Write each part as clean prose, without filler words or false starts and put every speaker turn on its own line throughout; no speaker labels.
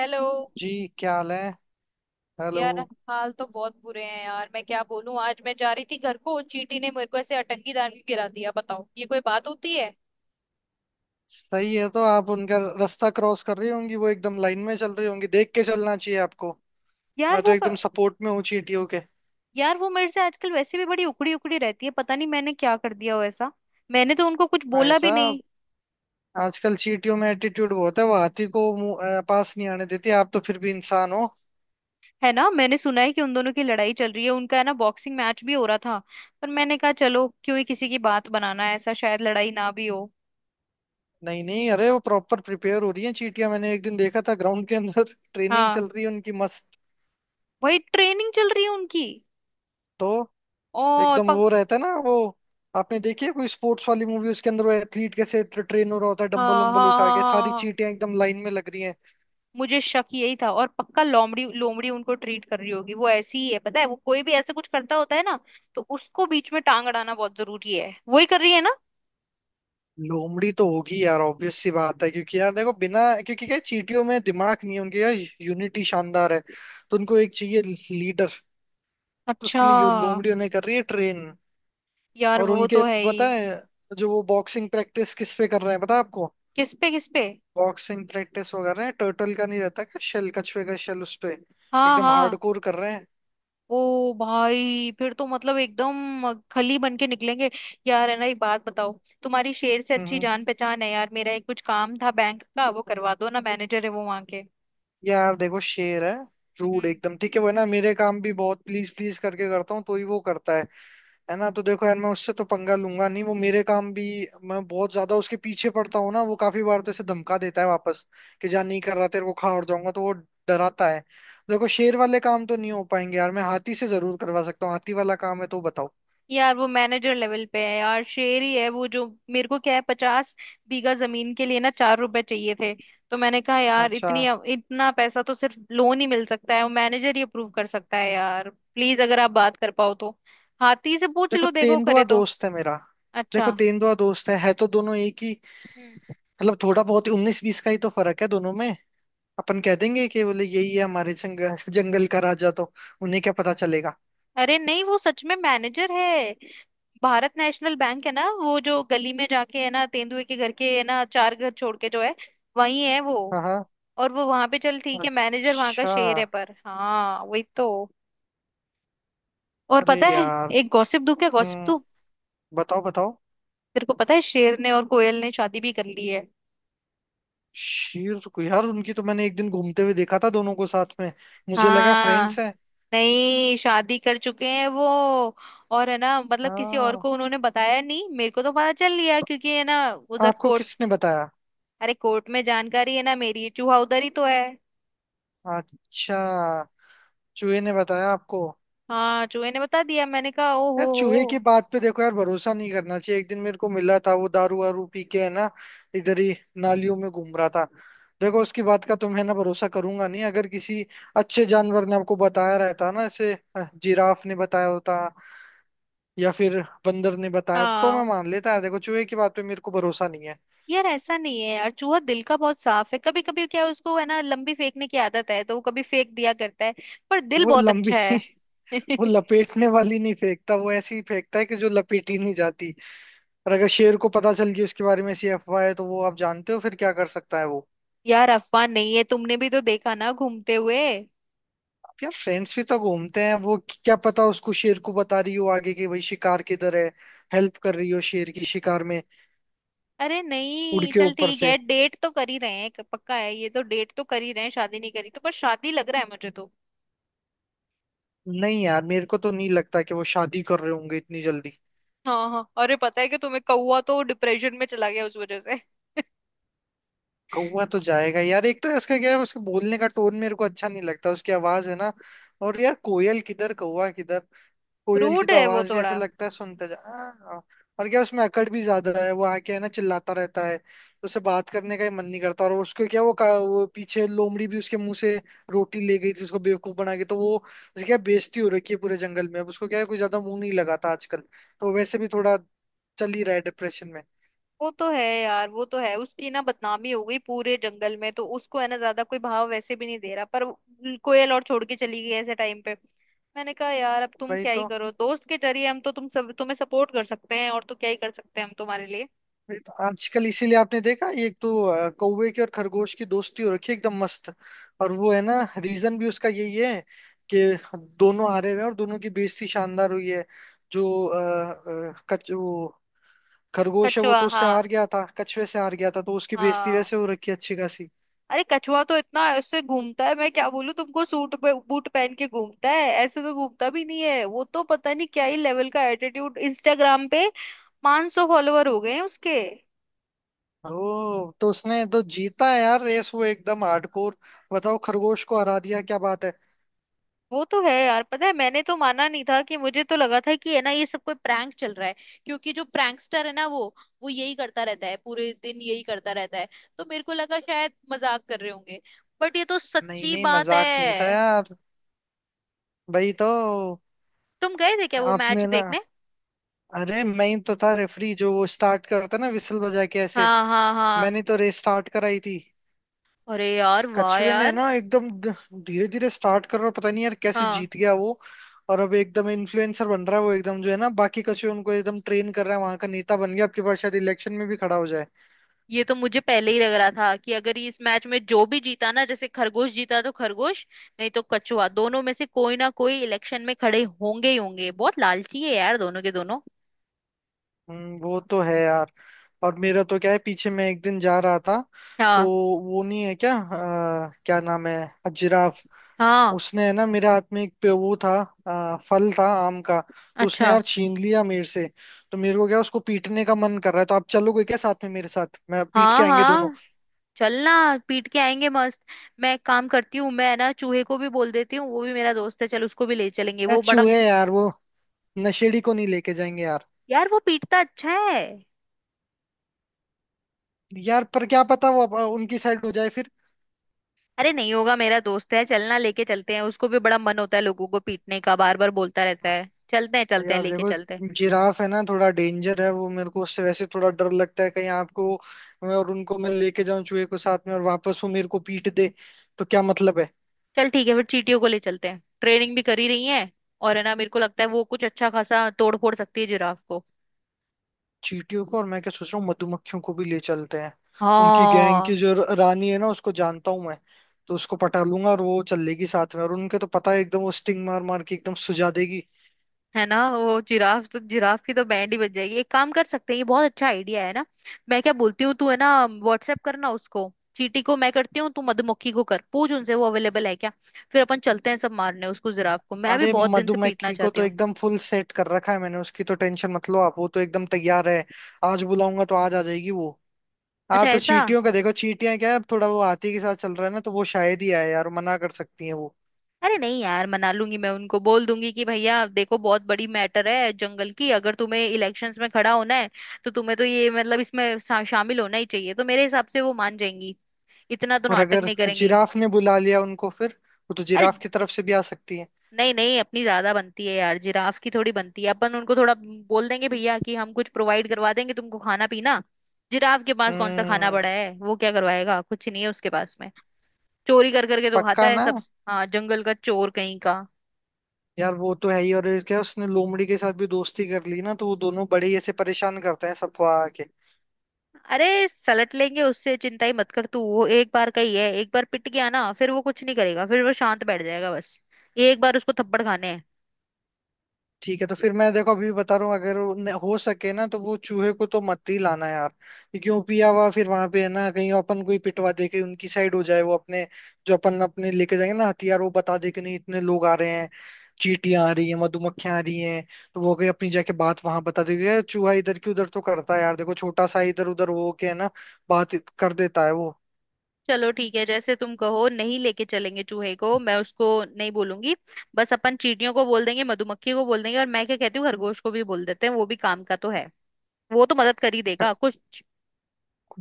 Hello.
जी। क्या हाल है? हेलो।
यार, हाल तो बहुत बुरे हैं यार। मैं क्या बोलूं, आज मैं जा रही थी घर को, चींटी ने मेरे को ऐसे अटंगी डाल के गिरा दिया। बताओ, ये कोई बात होती है।
सही है। तो आप उनका रास्ता क्रॉस कर रही होंगी, वो एकदम लाइन में चल रही होंगी, देख के चलना चाहिए आपको।
यार
मैं तो
वो प-
एकदम सपोर्ट में हूँ चींटियों के।
यार वो मेरे से आजकल वैसे भी बड़ी उखड़ी उखड़ी रहती है, पता नहीं मैंने क्या कर दिया हो ऐसा। मैंने तो उनको कुछ
भाई
बोला भी नहीं।
साहब। आजकल चींटियों में एटीट्यूड बहुत है, वो हाथी को पास नहीं आने देती। आप तो फिर भी इंसान हो।
है ना, मैंने सुना है कि उन दोनों की लड़ाई चल रही है, उनका है ना बॉक्सिंग मैच भी हो रहा था। पर मैंने कहा चलो क्यों ही किसी की बात बनाना है, ऐसा शायद लड़ाई ना भी हो।
नहीं नहीं, अरे वो प्रॉपर प्रिपेयर हो रही है चींटियां। मैंने एक दिन देखा था ग्राउंड के अंदर ट्रेनिंग
हाँ,
चल रही है उनकी मस्त।
वही ट्रेनिंग चल रही है उनकी।
तो
और
एकदम
पक
वो रहता है ना वो। आपने देखी है कोई स्पोर्ट्स वाली मूवी? उसके अंदर वो एथलीट कैसे ट्रेन हो रहा होता है,
हाँ
डंबल
हाँ
उम्बल उठा
हाँ
के।
हाँ
सारी
हाँ।
चींटियां एकदम लाइन में लग रही हैं।
मुझे शक यही था और पक्का लोमड़ी लोमड़ी उनको ट्रीट कर रही होगी। वो ऐसी ही है, पता है, वो कोई भी ऐसे कुछ करता होता है ना, तो उसको बीच में टांग अड़ाना बहुत जरूरी है। वही कर रही है ना।
लोमड़ी तो होगी यार, ऑब्वियस सी बात है। क्योंकि यार देखो, बिना, क्योंकि क्या है, चींटियों में दिमाग नहीं है उनके यार। यूनिटी शानदार है, तो उनको एक चाहिए, लीडर। तो उसके
अच्छा।
लिए लोमड़ी उन्हें कर रही है ट्रेन।
यार
और
वो
उनके
तो है ही।
पता है, जो वो बॉक्सिंग प्रैक्टिस किस पे कर रहे हैं पता है आपको?
किस पे किस पे।
बॉक्सिंग प्रैक्टिस वो कर रहे हैं, टर्टल का नहीं रहता क्या शेल, कछुए का शेल उस पे।
हाँ
एकदम
हाँ।
हार्डकोर कर रहे हैं।
ओ भाई, फिर तो मतलब एकदम खली बन के निकलेंगे। यार है ना, एक बात बताओ। तुम्हारी शेर से
हम्म
अच्छी
हम्म।
जान पहचान है यार, मेरा एक कुछ काम था बैंक का, वो करवा दो ना। मैनेजर है वो वहां के।
यार देखो, शेर है। रूड
हम्म।
एकदम ठीक है वो है ना। मेरे काम भी बहुत प्लीज प्लीज करके करता हूँ तो ही वो करता है। है ना। तो देखो यार, मैं उससे तो पंगा लूंगा नहीं, वो मेरे काम भी। मैं बहुत ज्यादा उसके पीछे पड़ता हूँ ना, वो काफी बार तो ऐसे धमका देता है वापस। कि जा नहीं कर रहा, तेरे को खा और जाऊंगा तो वो। डराता है। देखो, शेर वाले काम तो नहीं हो पाएंगे यार। मैं हाथी से जरूर करवा सकता हूँ, हाथी वाला काम है तो बताओ।
यार वो मैनेजर लेवल पे है यार, शेर ही है वो। जो मेरे को क्या है, पचास बीघा जमीन के लिए ना चार रुपए चाहिए थे। तो मैंने कहा यार
अच्छा।
इतनी, इतना पैसा तो सिर्फ लोन ही मिल सकता है, वो मैनेजर ही अप्रूव कर सकता है। यार प्लीज, अगर आप बात कर पाओ तो। हाथी से पूछ
देखो,
लो, देखो
तेंदुआ
करे तो।
दोस्त है मेरा। देखो,
अच्छा।
तेंदुआ दोस्त है तो दोनों एक ही।
हम्म।
मतलब थोड़ा बहुत उन्नीस बीस का ही तो फर्क है दोनों में। अपन कह देंगे कि बोले, यही है हमारे जंगल जंगल का राजा, तो उन्हें क्या पता चलेगा।
अरे नहीं, वो सच में मैनेजर है। भारत नेशनल बैंक है ना, वो जो गली में जाके है ना, तेंदुए के घर के है ना, चार घर छोड़ के जो है, वही है वो।
हाँ हाँ।
और वो वहां पे चल, ठीक है, मैनेजर वहां का
अच्छा।
शेर है, पर हाँ वही तो। और
अरे
पता है।
यार।
एक गॉसिप दूं? क्या गॉसिप
हम्म।
दूं?
बताओ बताओ।
तेरे को पता है, शेर ने और कोयल ने शादी भी कर ली है।
शेर को यार, उनकी तो मैंने एक दिन घूमते हुए देखा था दोनों को साथ में। मुझे लगा
हाँ।
फ्रेंड्स हैं।
नहीं, शादी कर चुके हैं वो। और है ना, मतलब किसी और
हाँ।
को उन्होंने बताया नहीं, मेरे को तो पता चल लिया
तो
क्योंकि है ना उधर
आपको
कोर्ट,
किसने बताया?
अरे कोर्ट में जानकारी है ना मेरी, चूहा उधर ही तो है।
अच्छा। चूहे ने बताया आपको?
हाँ, चूहे ने बता दिया। मैंने कहा ओ
यार
हो
चूहे की
हो।
बात पे देखो यार, भरोसा नहीं करना चाहिए। एक दिन मेरे को मिला था वो, दारू वारू पी के है ना। इधर ही। नालियों में घूम रहा था। देखो, उसकी बात का तो मैं ना भरोसा करूंगा नहीं। अगर किसी अच्छे जानवर ने आपको बताया रहता ना, ऐसे जिराफ ने बताया होता, या फिर बंदर ने बताया तो मैं
हाँ।
मान लेता यार। देखो, चूहे की बात पे मेरे को भरोसा नहीं है।
यार ऐसा नहीं है यार, चूहा दिल का बहुत साफ है। कभी कभी क्या है, उसको है ना लंबी फेंकने की आदत है, तो वो कभी फेंक दिया करता है, पर दिल
वो
बहुत
लंबी
अच्छा
नहीं।
है।
वो लपेटने वाली नहीं फेंकता, वो ऐसी ही फेंकता है कि जो लपेटी नहीं जाती। और अगर शेर को पता चल गई, उसके बारे में ऐसी अफवाह है, तो वो आप जानते हो फिर क्या कर सकता है वो।
यार अफवाह नहीं है, तुमने भी तो देखा ना घूमते हुए।
अब यार, फ्रेंड्स भी तो घूमते हैं। वो क्या पता, उसको, शेर को बता रही हो आगे, कि भाई शिकार किधर है। हेल्प कर रही हो शेर की शिकार में।
अरे
उड़
नहीं,
के
चल
ऊपर
ठीक
से।
है, डेट तो कर ही रहे हैं, पक्का है ये तो, डेट तो कर ही रहे हैं, शादी नहीं करी तो, पर शादी लग रहा है मुझे तो।
नहीं यार, मेरे को तो नहीं लगता कि वो शादी कर रहे होंगे इतनी जल्दी।
हाँ हाँ, अरे पता है कि तुम्हें, कौवा तो डिप्रेशन में चला गया उस वजह से।
कौवा तो जाएगा यार। एक तो उसका क्या है, उसके बोलने का टोन मेरे को अच्छा नहीं लगता, उसकी आवाज है ना। और यार, कोयल किधर, कौवा किधर। कोयल की
रूड
तो
है वो
आवाज भी
थोड़ा।
ऐसा लगता है सुनते जा। और क्या उसमें अकड़ भी ज्यादा है, वो आके है ना चिल्लाता रहता है, तो उसे बात करने का ही मन नहीं करता। और उसको क्या, वो वो पीछे लोमड़ी भी उसके मुंह से रोटी ले गई थी, उसको बेवकूफ बना के, तो वो उसे क्या, बेइज्जती हो रखी है पूरे जंगल में। अब उसको क्या है, कोई ज्यादा मुंह नहीं लगाता आजकल, तो वैसे भी थोड़ा चल ही रहा है डिप्रेशन में।
वो तो है यार, वो तो है, उसकी ना बदनामी हो गई पूरे जंगल में, तो उसको है ना ज्यादा कोई भाव वैसे भी नहीं दे रहा, पर कोयल और छोड़ के चली गई ऐसे टाइम पे। मैंने कहा यार अब तुम
वही
क्या ही
तो।
करो, दोस्त के जरिए हम तो तुम सब तुम्हें सपोर्ट कर सकते हैं, और तो क्या ही कर सकते हैं हम तुम्हारे लिए।
ये तो आजकल इसीलिए आपने देखा, ये एक तो कौवे की और खरगोश की दोस्ती हो रखी है एकदम मस्त। और वो है ना, रीजन भी उसका यही है, कि दोनों हारे हुए हैं और दोनों की बेइज्जती शानदार हुई है। जो अ, अ, कच वो खरगोश है, वो
कछुआ,
तो उससे
हाँ।
हार गया था, कछुए से हार गया था, तो उसकी बेइज्जती
हाँ।
वैसे हो रखी है अच्छी खासी।
अरे कछुआ तो इतना ऐसे घूमता है, मैं क्या बोलूं तुमको, सूट पे बूट पहन के घूमता है, ऐसे तो घूमता भी नहीं है वो तो, पता नहीं क्या ही लेवल का एटीट्यूड। इंस्टाग्राम पे 500 फॉलोवर हो गए हैं उसके।
ओ, तो उसने तो जीता है यार रेस, वो एकदम हार्डकोर। बताओ, खरगोश को हरा दिया, क्या बात है।
वो तो है यार। पता है मैंने तो माना नहीं था, कि मुझे तो लगा था कि है ना ये सब कोई प्रैंक चल रहा है, क्योंकि जो प्रैंकस्टर है ना वो यही करता रहता है पूरे दिन, यही करता रहता है। तो मेरे को लगा शायद मजाक कर रहे होंगे, बट ये तो
नहीं
सच्ची
नहीं,
बात
मजाक नहीं था
है।
यार। भाई तो।
तुम गए थे क्या वो मैच
आपने ना।
देखने?
अरे, मैं ही तो था रेफरी, जो वो स्टार्ट करता ना विसल बजा के ऐसे।
हाँ हाँ हाँ।
मैंने तो रेस स्टार्ट कराई थी।
अरे यार, वाह
कछुए ने
यार।
ना एकदम धीरे धीरे स्टार्ट कर, और पता नहीं यार कैसे
हाँ।
जीत गया वो। और अब एकदम इन्फ्लुएंसर बन रहा है वो एकदम, जो है ना बाकी कछुए उनको एकदम ट्रेन कर रहा है, वहां का नेता बन गया। अब की बार शायद इलेक्शन में भी खड़ा हो जाए।
ये तो मुझे पहले ही लग रहा था, कि अगर ये इस मैच में जो भी जीता ना, जैसे खरगोश जीता तो खरगोश, नहीं तो कछुआ, दोनों में से कोई ना कोई इलेक्शन में खड़े होंगे ही होंगे, बहुत लालची है यार दोनों के दोनों।
वो तो है यार। और मेरा तो क्या है, पीछे मैं एक दिन जा रहा था, तो
हाँ
वो नहीं है क्या, क्या नाम है, जिराफ।
हाँ।
उसने है ना मेरे हाथ में एक पे वो था, फल था आम का। तो उसने
अच्छा।
यार छीन लिया मेरे से। तो मेरे को क्या, उसको पीटने का मन कर रहा है, तो आप चलोगे क्या साथ में मेरे साथ? मैं पीट के
हाँ
आएंगे दोनों।
हाँ, चलना। पीट के आएंगे मस्त। मैं एक काम करती हूँ, मैं ना चूहे को भी बोल देती हूँ, वो भी मेरा दोस्त है, चल उसको भी ले चलेंगे,
यार
वो बड़ा।
चूहे यार, वो नशेड़ी को नहीं लेके जाएंगे यार।
यार वो पीटता अच्छा है।
यार पर क्या पता वो उनकी साइड हो जाए फिर।
अरे नहीं होगा, मेरा दोस्त है, चलना लेके चलते हैं उसको भी, बड़ा मन होता है लोगों को पीटने का, बार बार बोलता रहता है, चलते हैं
यार
लेके
देखो,
चलते हैं।
जिराफ है ना थोड़ा डेंजर है वो, मेरे को उससे वैसे थोड़ा डर लगता है, कहीं आपको। मैं और उनको, मैं लेके जाऊं चूहे को साथ में, और वापस वो मेरे को पीट दे। तो क्या मतलब है।
चल ठीक है, फिर चींटियों को ले चलते हैं, ट्रेनिंग भी करी रही है, और है ना मेरे को लगता है वो कुछ अच्छा खासा तोड़ फोड़ सकती है जिराफ को।
चींटियों को, और मैं क्या सोच रहा हूँ, मधुमक्खियों को भी ले चलते हैं। उनकी गैंग
हाँ।
की जो रानी है ना, उसको जानता हूँ मैं। तो उसको पटा लूंगा और वो चल लेगी साथ में, और उनके तो पता है, एकदम वो स्टिंग मार मार के एकदम सुझा देगी।
है ना, वो जिराफ तो, जिराफ की तो बैंड ही बज जाएगी। एक काम कर सकते हैं, ये बहुत अच्छा आइडिया है ना। मैं क्या बोलती हूँ, तू है ना व्हाट्सएप करना उसको, चींटी को मैं करती हूँ, तू मधुमक्खी को कर, पूछ उनसे वो अवेलेबल है क्या। फिर अपन चलते हैं सब मारने उसको, जिराफ को मैं भी
अरे,
बहुत दिन से पीटना
मधुमक्खी को
चाहती
तो
हूँ।
एकदम फुल सेट कर रखा है मैंने, उसकी तो टेंशन मत लो आप, वो तो एकदम तैयार है। आज बुलाऊंगा तो आज आ जाएगी वो। हाँ,
अच्छा,
तो
ऐसा?
चींटियों का देखो, चींटियां क्या है, अब थोड़ा वो हाथी के साथ चल रहा है ना, तो वो शायद ही आए यार, मना कर सकती है वो।
अरे नहीं यार, मना लूंगी मैं उनको, बोल दूंगी कि भैया देखो बहुत बड़ी मैटर है जंगल की, अगर तुम्हें इलेक्शंस में खड़ा होना है तो तुम्हें तो ये मतलब इसमें शामिल होना ही चाहिए, तो मेरे हिसाब से वो मान जाएंगी। इतना तो
और
नाटक
अगर
नहीं करेंगी।
जिराफ ने बुला लिया उनको फिर, वो तो
अरे
जिराफ की तरफ से भी आ सकती है।
नहीं नहीं, अपनी ज्यादा बनती है यार, जिराफ की थोड़ी बनती है। अपन उनको थोड़ा बोल देंगे भैया कि हम कुछ प्रोवाइड करवा देंगे तुमको, खाना पीना। जिराफ के पास कौन सा खाना
हम्म।
पड़ा है, वो क्या करवाएगा, कुछ नहीं है उसके पास में, चोरी कर करके तो खाता
पक्का
है
ना?
सब। हाँ, जंगल का चोर कहीं का।
यार वो तो है ही, और क्या उसने लोमड़ी के साथ भी दोस्ती कर ली ना, तो वो दोनों बड़े ही ऐसे परेशान करते हैं सबको आके।
अरे सलट लेंगे उससे, चिंता ही मत कर तू। वो एक बार का ही है, एक बार पिट गया ना फिर वो कुछ नहीं करेगा, फिर वो शांत बैठ जाएगा बस। एक बार उसको थप्पड़ खाने हैं।
ठीक है, तो फिर मैं देखो, अभी भी बता रहा हूँ, अगर वो हो सके ना, तो वो चूहे को तो मत ही लाना यार। क्योंकि वो पिया हुआ फिर वहां पे है ना, कहीं अपन कोई पिटवा दे के उनकी साइड हो जाए वो अपने। जो अपन अपने लेके जाएंगे ना हथियार, वो बता दे कि नहीं, इतने लोग आ रहे हैं। चींटियां आ रही हैं, मधुमक्खियां आ रही हैं। तो वो कहीं अपनी जाके बात वहां बता देगी यार, चूहा इधर की उधर तो करता है यार, देखो छोटा सा इधर उधर हो के है ना बात कर देता है वो।
चलो ठीक है, जैसे तुम कहो, नहीं लेके चलेंगे चूहे को, मैं उसको नहीं बोलूंगी। बस अपन चींटियों को बोल देंगे, मधुमक्खी को बोल देंगे, और मैं क्या कहती हूँ, खरगोश को भी बोल देते हैं, वो भी काम का तो है। वो तो मदद कर ही देगा कुछ।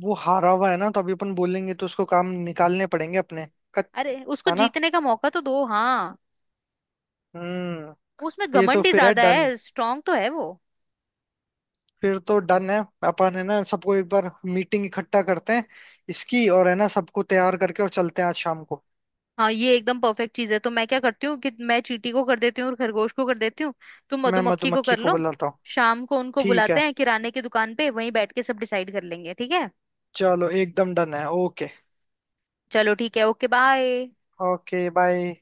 वो हारा हुआ है ना, तो अभी अपन बोलेंगे तो उसको काम निकालने पड़ेंगे अपने। कच-
अरे उसको
है ना।
जीतने का मौका तो दो, हाँ।
हम्म।
उसमें
ये तो
घमंड ही
फिर है
ज्यादा
डन।
है, स्ट्रांग तो है वो।
फिर तो डन है। अपन है ना सबको एक बार मीटिंग इकट्ठा करते हैं इसकी, और है ना सबको तैयार करके और चलते हैं आज शाम को।
हाँ, ये एकदम परफेक्ट चीज है। तो मैं क्या करती हूँ कि मैं चींटी को कर देती हूँ और खरगोश को कर देती हूँ, तुम
मैं
मधुमक्खी को
मधुमक्खी
कर
को
लो।
बुलाता हूँ।
शाम को उनको
ठीक
बुलाते
है।
हैं किराने की दुकान पे, वहीं बैठ के सब डिसाइड कर लेंगे, ठीक है।
चलो एकदम डन है, ओके।
चलो ठीक है, ओके बाय।
Okay bye.